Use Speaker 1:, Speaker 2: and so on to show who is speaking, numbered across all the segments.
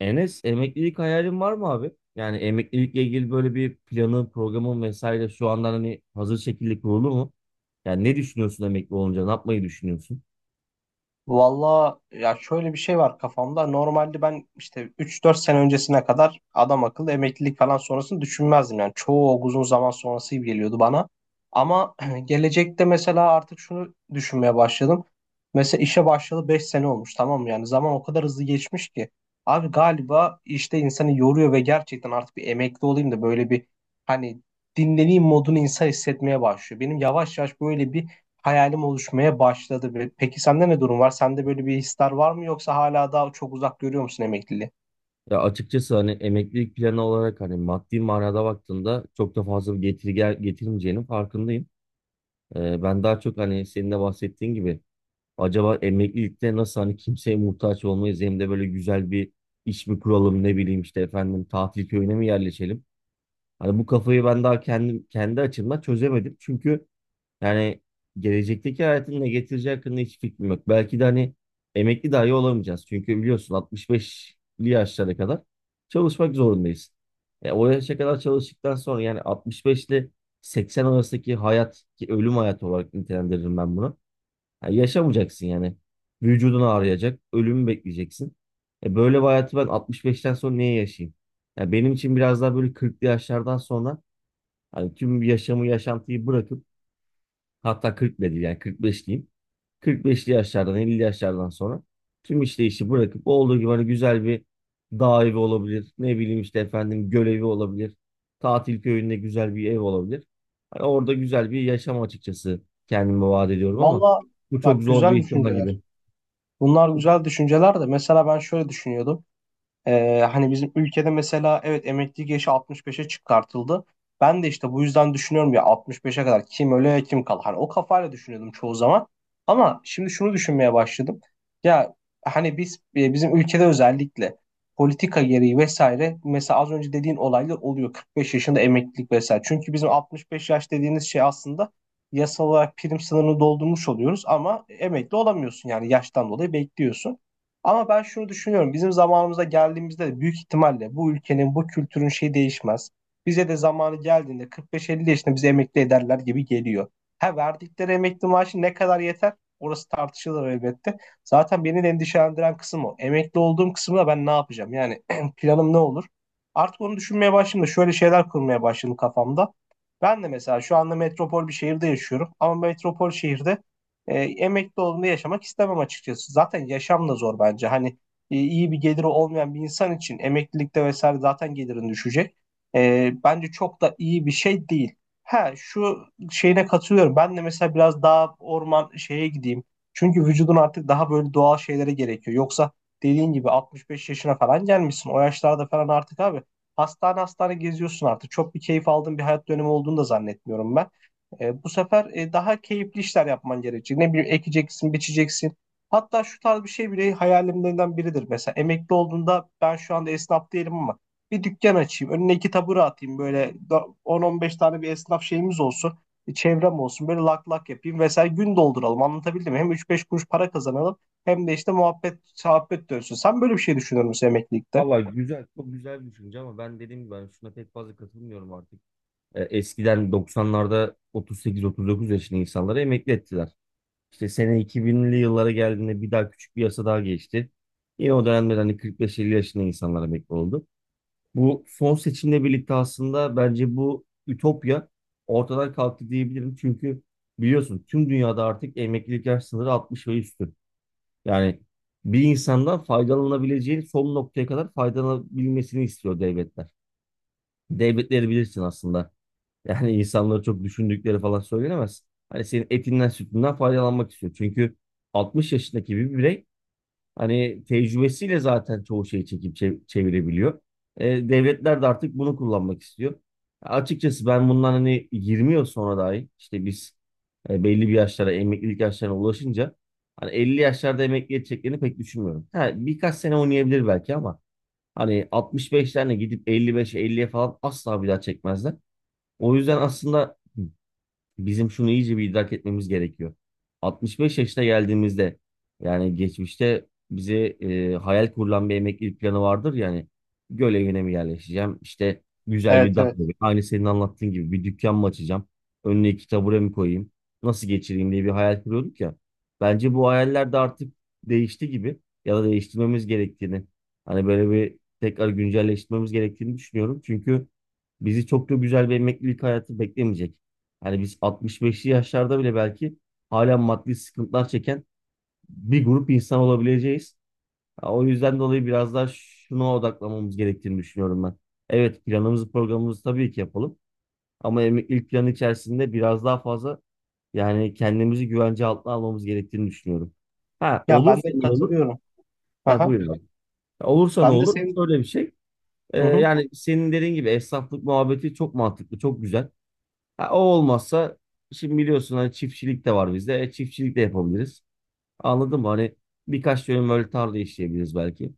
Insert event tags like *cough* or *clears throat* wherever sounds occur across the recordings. Speaker 1: Enes emeklilik hayalin var mı abi? Yani emeklilikle ilgili böyle bir planın, programın vesaire şu andan hani hazır şekilde kurulu mu? Yani ne düşünüyorsun emekli olunca? Ne yapmayı düşünüyorsun?
Speaker 2: Valla ya şöyle bir şey var kafamda. Normalde ben işte üç dört sene öncesine kadar adam akıllı emeklilik falan sonrasını düşünmezdim. Yani çoğu uzun zaman sonrası gibi geliyordu bana. Ama *clears throat* gelecekte mesela artık şunu düşünmeye başladım. Mesela işe başladı 5 sene olmuş, tamam mı? Yani zaman o kadar hızlı geçmiş ki. Abi galiba işte insanı yoruyor ve gerçekten artık bir emekli olayım da böyle bir hani dinleneyim modunu insan hissetmeye başlıyor. Benim yavaş yavaş böyle bir hayalim oluşmaya başladı. Ve peki sende ne durum var? Sende böyle bir hisler var mı, yoksa hala daha çok uzak görüyor musun emekliliği?
Speaker 1: Ya açıkçası hani emeklilik planı olarak hani maddi manada baktığında çok da fazla bir getiri getirmeyeceğinin farkındayım. Ben daha çok hani senin de bahsettiğin gibi acaba emeklilikte nasıl hani kimseye muhtaç olmayız hem de böyle güzel bir iş mi kuralım ne bileyim işte efendim tatil köyüne mi yerleşelim? Hani bu kafayı ben daha kendim kendi açımdan çözemedim. Çünkü yani gelecekteki hayatın ne getireceği hakkında hiç fikrim yok. Belki de hani emekli dahi olamayacağız. Çünkü biliyorsun 65'li yaşlara kadar çalışmak zorundayız. O yaşa kadar çalıştıktan sonra yani 65 ile 80 arasındaki hayat ki ölüm hayatı olarak nitelendiririm ben bunu. Yani yaşamayacaksın yani. Vücudun ağrıyacak, ölümü bekleyeceksin. Böyle bir hayatı ben 65'ten sonra niye yaşayayım? Ya benim için biraz daha böyle 40'lı yaşlardan sonra hani tüm yaşamı, yaşantıyı bırakıp hatta 40 bile değil yani 45 diyeyim. 45'li yaşlardan 50'li yaşlardan sonra tüm işte işi bırakıp olduğu gibi hani güzel bir dağ evi olabilir. Ne bileyim işte efendim göl evi olabilir. Tatil köyünde güzel bir ev olabilir. Hani orada güzel bir yaşam açıkçası kendime vaat ediyorum ama
Speaker 2: Valla
Speaker 1: bu çok
Speaker 2: bak,
Speaker 1: zor
Speaker 2: güzel
Speaker 1: bir ihtimal
Speaker 2: düşünceler.
Speaker 1: gibi.
Speaker 2: Bunlar güzel düşünceler de mesela ben şöyle düşünüyordum. Hani bizim ülkede mesela evet, emeklilik yaşı 65'e çıkartıldı. Ben de işte bu yüzden düşünüyorum ya, 65'e kadar kim öle kim kal. Hani o kafayla düşünüyordum çoğu zaman. Ama şimdi şunu düşünmeye başladım. Ya hani biz bizim ülkede özellikle politika gereği vesaire, mesela az önce dediğin olaylar oluyor, 45 yaşında emeklilik vesaire. Çünkü bizim 65 yaş dediğiniz şey aslında yasal olarak prim sınırını doldurmuş oluyoruz, ama emekli olamıyorsun, yani yaştan dolayı bekliyorsun. Ama ben şunu düşünüyorum. Bizim zamanımıza geldiğimizde de büyük ihtimalle bu ülkenin, bu kültürün şeyi değişmez. Bize de zamanı geldiğinde 45-50 yaşında bizi emekli ederler gibi geliyor. Ha, verdikleri emekli maaşı ne kadar yeter? Orası tartışılır elbette. Zaten beni de endişelendiren kısım o. Emekli olduğum kısımda ben ne yapacağım? Yani *clears throat* planım ne olur? Artık onu düşünmeye başladım da şöyle şeyler kurmaya başladım kafamda. Ben de mesela şu anda metropol bir şehirde yaşıyorum. Ama metropol şehirde emekli olduğunda yaşamak istemem açıkçası. Zaten yaşam da zor bence. Hani iyi bir geliri olmayan bir insan için emeklilikte vesaire zaten gelirin düşecek. Bence çok da iyi bir şey değil. Ha, şu şeyine katılıyorum. Ben de mesela biraz daha orman şeye gideyim. Çünkü vücudun artık daha böyle doğal şeylere gerekiyor. Yoksa dediğin gibi 65 yaşına falan gelmişsin. O yaşlarda falan artık abi, hastane hastane geziyorsun artık. Çok bir keyif aldığın bir hayat dönemi olduğunu da zannetmiyorum ben. Bu sefer daha keyifli işler yapman gerekecek. Ne bileyim, ekeceksin, biçeceksin. Hatta şu tarz bir şey bile hayalimlerinden biridir. Mesela emekli olduğunda, ben şu anda esnaf değilim ama bir dükkan açayım. Önüne iki tabure atayım. Böyle 10-15 tane bir esnaf şeyimiz olsun. Bir çevrem olsun. Böyle lak lak yapayım. Mesela gün dolduralım. Anlatabildim mi? Hem 3-5 kuruş para kazanalım, hem de işte muhabbet, sohbet dönsün. Sen böyle bir şey düşünür müsün emeklilikte?
Speaker 1: Vallahi güzel, çok güzel bir düşünce ama ben dediğim gibi hani şuna pek fazla katılmıyorum artık. Eskiden 90'larda 38-39 yaşında insanları emekli ettiler. İşte sene 2000'li yıllara geldiğinde bir daha küçük bir yasa daha geçti. Yine o dönemde hani 45-50 yaşında insanlar emekli oldu. Bu son seçimle birlikte aslında bence bu ütopya ortadan kalktı diyebilirim. Çünkü biliyorsun tüm dünyada artık emeklilik yaş sınırı 60 ve üstü. Yani bir insandan faydalanabileceği son noktaya kadar faydalanabilmesini istiyor devletler. Devletleri bilirsin aslında. Yani *laughs* insanları çok düşündükleri falan söylenemez. Hani senin etinden sütünden faydalanmak istiyor. Çünkü 60 yaşındaki bir birey hani tecrübesiyle zaten çoğu şeyi çekip çevirebiliyor. Devletler de artık bunu kullanmak istiyor. Açıkçası ben bundan hani 20 yıl sonra dahi işte biz belli bir yaşlara emeklilik yaşlarına ulaşınca hani 50 yaşlarda emekli edeceklerini pek düşünmüyorum. Ha, birkaç sene oynayabilir belki ama hani 65'lerine gidip 55'e 50'ye falan asla bir daha çekmezler. O yüzden aslında bizim şunu iyice bir idrak etmemiz gerekiyor. 65 yaşına geldiğimizde yani geçmişte bize hayal kurulan bir emeklilik planı vardır yani göl evine mi yerleşeceğim işte güzel bir
Speaker 2: Evet,
Speaker 1: dağ
Speaker 2: evet.
Speaker 1: evi aynı senin anlattığın gibi bir dükkan mı açacağım önüne iki tabure mi koyayım nasıl geçireyim diye bir hayal kuruyorduk ya bence bu hayaller de artık değişti gibi ya da değiştirmemiz gerektiğini hani böyle bir tekrar güncelleştirmemiz gerektiğini düşünüyorum çünkü bizi çok da güzel bir emeklilik hayatı beklemeyecek. Hani biz 65'li yaşlarda bile belki hala maddi sıkıntılar çeken bir grup insan olabileceğiz. Ha, o yüzden dolayı biraz daha şuna odaklamamız gerektiğini düşünüyorum ben. Evet planımızı programımızı tabii ki yapalım. Ama ilk plan içerisinde biraz daha fazla yani kendimizi güvence altına almamız gerektiğini düşünüyorum. Ha
Speaker 2: Ya ben
Speaker 1: olursa
Speaker 2: de
Speaker 1: ne olur?
Speaker 2: katılıyorum.
Speaker 1: Ha,
Speaker 2: Aha.
Speaker 1: buyurun abi. Olursa ne
Speaker 2: Ben de
Speaker 1: olur?
Speaker 2: senin.
Speaker 1: Şöyle bir şey. Ee,
Speaker 2: Hı hı.
Speaker 1: yani senin dediğin gibi esnaflık muhabbeti çok mantıklı, çok güzel. Ha, o olmazsa şimdi biliyorsun hani çiftçilik de var bizde. Çiftçilik de yapabiliriz. Anladın mı? Hani birkaç dönüm böyle tarla işleyebiliriz belki.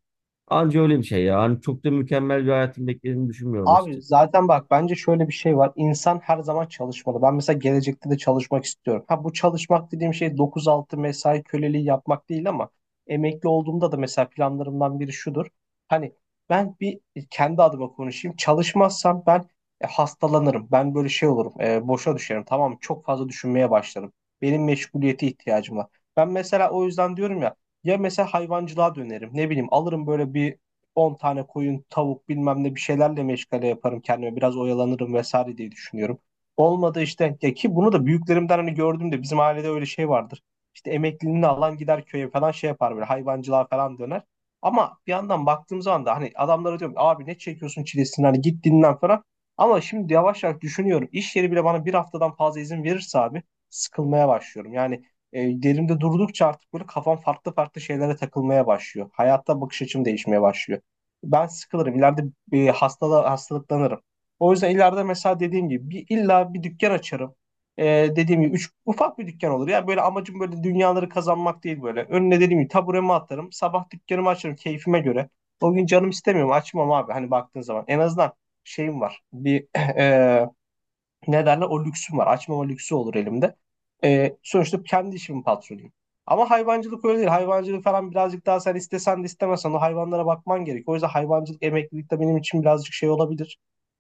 Speaker 1: Anca öyle bir şey ya. Hani çok da mükemmel bir hayatın beklediğini düşünmüyorum
Speaker 2: Abi
Speaker 1: açıkçası.
Speaker 2: zaten bak, bence şöyle bir şey var. İnsan her zaman çalışmalı. Ben mesela gelecekte de çalışmak istiyorum. Ha, bu çalışmak dediğim şey 9-6 mesai köleliği yapmak değil, ama emekli olduğumda da mesela planlarımdan biri şudur. Hani ben bir kendi adıma konuşayım. Çalışmazsam ben hastalanırım. Ben böyle şey olurum. Boşa düşerim. Tamam mı? Çok fazla düşünmeye başlarım. Benim meşguliyete ihtiyacım var. Ben mesela o yüzden diyorum ya, ya mesela hayvancılığa dönerim. Ne bileyim, alırım böyle bir 10 tane koyun, tavuk bilmem ne, bir şeylerle meşgale yaparım kendime. Biraz oyalanırım vesaire diye düşünüyorum. Olmadı işte, ya ki bunu da büyüklerimden hani gördüm de bizim ailede öyle şey vardır. İşte emekliliğini alan gider köye falan, şey yapar böyle hayvancılığa falan döner. Ama bir yandan baktığım zaman da hani adamlara diyorum abi, ne çekiyorsun çilesini, hani git dinlen falan. Ama şimdi yavaş yavaş düşünüyorum. İş yeri bile bana bir haftadan fazla izin verirse abi, sıkılmaya başlıyorum. Yani derimde durdukça artık böyle kafam farklı farklı şeylere takılmaya başlıyor. Hayatta bakış açım değişmeye başlıyor, ben sıkılırım. İleride bir hastalıklanırım. O yüzden ileride mesela dediğim gibi illa bir dükkan açarım. Ee, Dediğim gibi ufak bir dükkan olur. Ya böyle amacım böyle dünyaları kazanmak değil böyle. Önüne dediğim gibi taburemi atarım. Sabah dükkanımı açarım keyfime göre. O gün canım istemiyorum, açmam abi. Hani baktığın zaman en azından şeyim var. Bir *clears throat* ne derler, o lüksüm var. Açmama lüksü olur elimde. Sonuçta kendi işimin patronuyum. Ama hayvancılık öyle değil. Hayvancılık falan birazcık daha, sen istesen de istemesen o hayvanlara bakman gerek. O yüzden hayvancılık emeklilik de benim için birazcık şey olabilir.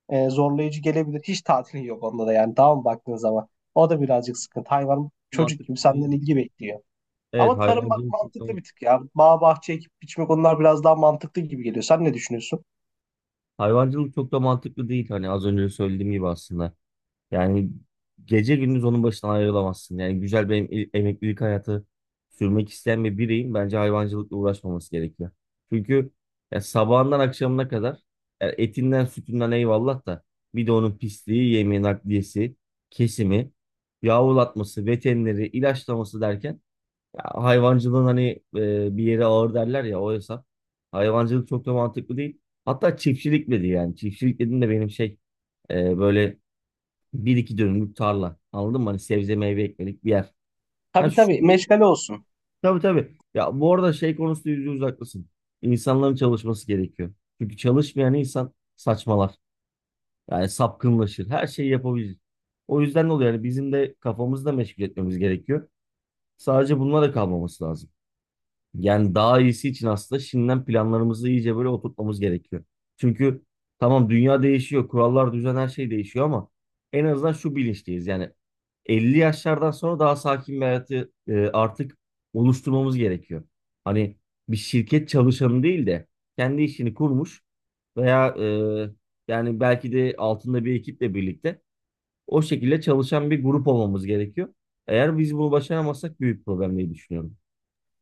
Speaker 2: Zorlayıcı gelebilir. Hiç tatilin yok onda da yani, daha mı baktığın zaman. O da birazcık sıkıntı. Hayvan çocuk
Speaker 1: Mantıklı
Speaker 2: gibi senden
Speaker 1: değil.
Speaker 2: ilgi bekliyor.
Speaker 1: Evet
Speaker 2: Ama tarım bak,
Speaker 1: hayvancılık çok
Speaker 2: mantıklı
Speaker 1: da,
Speaker 2: bir tık ya. Bağ bahçe ekip biçmek, onlar biraz daha mantıklı gibi geliyor. Sen ne düşünüyorsun?
Speaker 1: hayvancılık çok da mantıklı değil. Hani az önce söylediğim gibi aslında. Yani gece gündüz onun başından ayrılamazsın. Yani güzel bir emeklilik hayatı sürmek isteyen bir bireyin bence hayvancılıkla uğraşmaması gerekiyor. Çünkü ya sabahından akşamına kadar ya etinden sütünden eyvallah da bir de onun pisliği, yemi, nakliyesi, kesimi, yavrulatması, veterineri, ilaçlaması derken ya hayvancılığın hani bir yere ağır derler ya o hesap. Hayvancılık çok da mantıklı değil. Hatta çiftçilik dedi yani. Çiftçilik dediğim de benim şey böyle bir iki dönümlük tarla. Anladın mı? Hani sebze meyve ekmelik bir yer. Ha
Speaker 2: Tabii,
Speaker 1: şu
Speaker 2: tabii,
Speaker 1: durum.
Speaker 2: meşgale olsun.
Speaker 1: Tabii tabii. Ya bu arada şey konusunda %100 haklısın. İnsanların çalışması gerekiyor. Çünkü çalışmayan insan saçmalar. Yani sapkınlaşır. Her şeyi yapabilir. O yüzden ne oluyor? Yani bizim de kafamızı da meşgul etmemiz gerekiyor. Sadece bununla da kalmaması lazım. Yani daha iyisi için aslında şimdiden planlarımızı iyice böyle oturtmamız gerekiyor. Çünkü tamam dünya değişiyor, kurallar, düzen her şey değişiyor ama en azından şu bilinçteyiz. Yani 50 yaşlardan sonra daha sakin bir hayatı artık oluşturmamız gerekiyor. Hani bir şirket çalışanı değil de kendi işini kurmuş veya yani belki de altında bir ekiple birlikte o şekilde çalışan bir grup olmamız gerekiyor. Eğer biz bunu başaramazsak büyük problem diye düşünüyorum.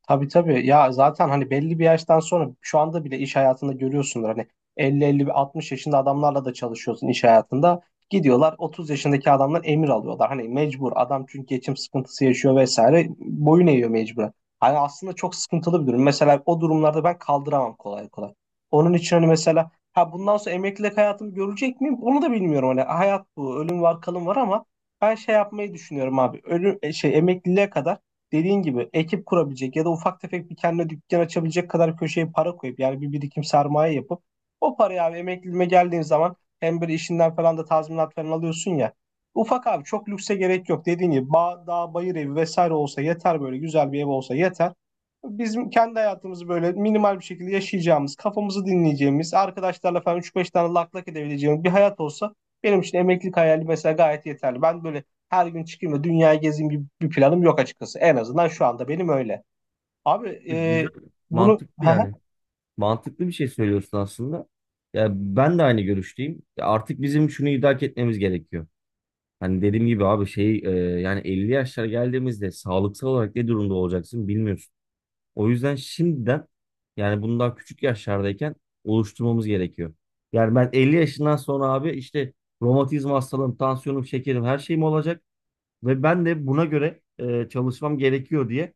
Speaker 2: Tabii, tabii ya, zaten hani belli bir yaştan sonra şu anda bile iş hayatında görüyorsundur hani, 50-50-60 yaşında adamlarla da çalışıyorsun iş hayatında, gidiyorlar 30 yaşındaki adamdan emir alıyorlar, hani mecbur adam çünkü geçim sıkıntısı yaşıyor vesaire, boyun eğiyor mecburen. Hani aslında çok sıkıntılı bir durum, mesela o durumlarda ben kaldıramam kolay kolay. Onun için hani mesela, ha bundan sonra emeklilik hayatımı görecek miyim, onu da bilmiyorum, hani hayat bu, ölüm var, kalım var, ama ben şey yapmayı düşünüyorum abi, ölüm şey, emekliliğe kadar dediğin gibi ekip kurabilecek ya da ufak tefek bir kendine dükkan açabilecek kadar köşeye para koyup, yani bir birikim, sermaye yapıp, o parayı abi, emekliliğime geldiğin zaman hem böyle işinden falan da tazminat falan alıyorsun ya. Ufak abi, çok lükse gerek yok. Dediğin gibi bağ, dağ, bayır evi vesaire olsa yeter, böyle güzel bir ev olsa yeter. Bizim kendi hayatımızı böyle minimal bir şekilde yaşayacağımız, kafamızı dinleyeceğimiz, arkadaşlarla falan üç beş tane lak lak edebileceğimiz bir hayat olsa, benim için emeklilik hayali mesela gayet yeterli. Ben böyle her gün çıkayım da dünyayı gezeyim gibi bir planım yok açıkçası. En azından şu anda benim öyle. Abi
Speaker 1: Güzel,
Speaker 2: bunu
Speaker 1: mantıklı yani. Mantıklı bir şey söylüyorsun aslında. Ya ben de aynı görüşteyim. Ya artık bizim şunu idrak etmemiz gerekiyor. Hani dediğim gibi abi şey yani 50 yaşlara geldiğimizde sağlıksal olarak ne durumda olacaksın bilmiyorsun. O yüzden şimdiden yani bunu daha küçük yaşlardayken oluşturmamız gerekiyor. Yani ben 50 yaşından sonra abi işte romatizma hastalığım, tansiyonum, şekerim her şeyim olacak ve ben de buna göre çalışmam gerekiyor diye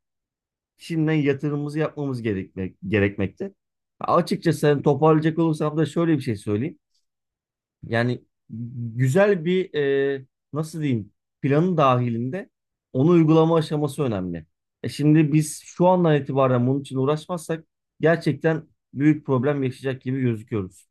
Speaker 1: şimdiden yatırımımızı yapmamız gerekmekte. Açıkçası hani toparlayacak olursam da şöyle bir şey söyleyeyim. Yani güzel bir nasıl diyeyim planın dahilinde onu uygulama aşaması önemli. E şimdi biz şu andan itibaren bunun için uğraşmazsak gerçekten büyük problem yaşayacak gibi gözüküyoruz.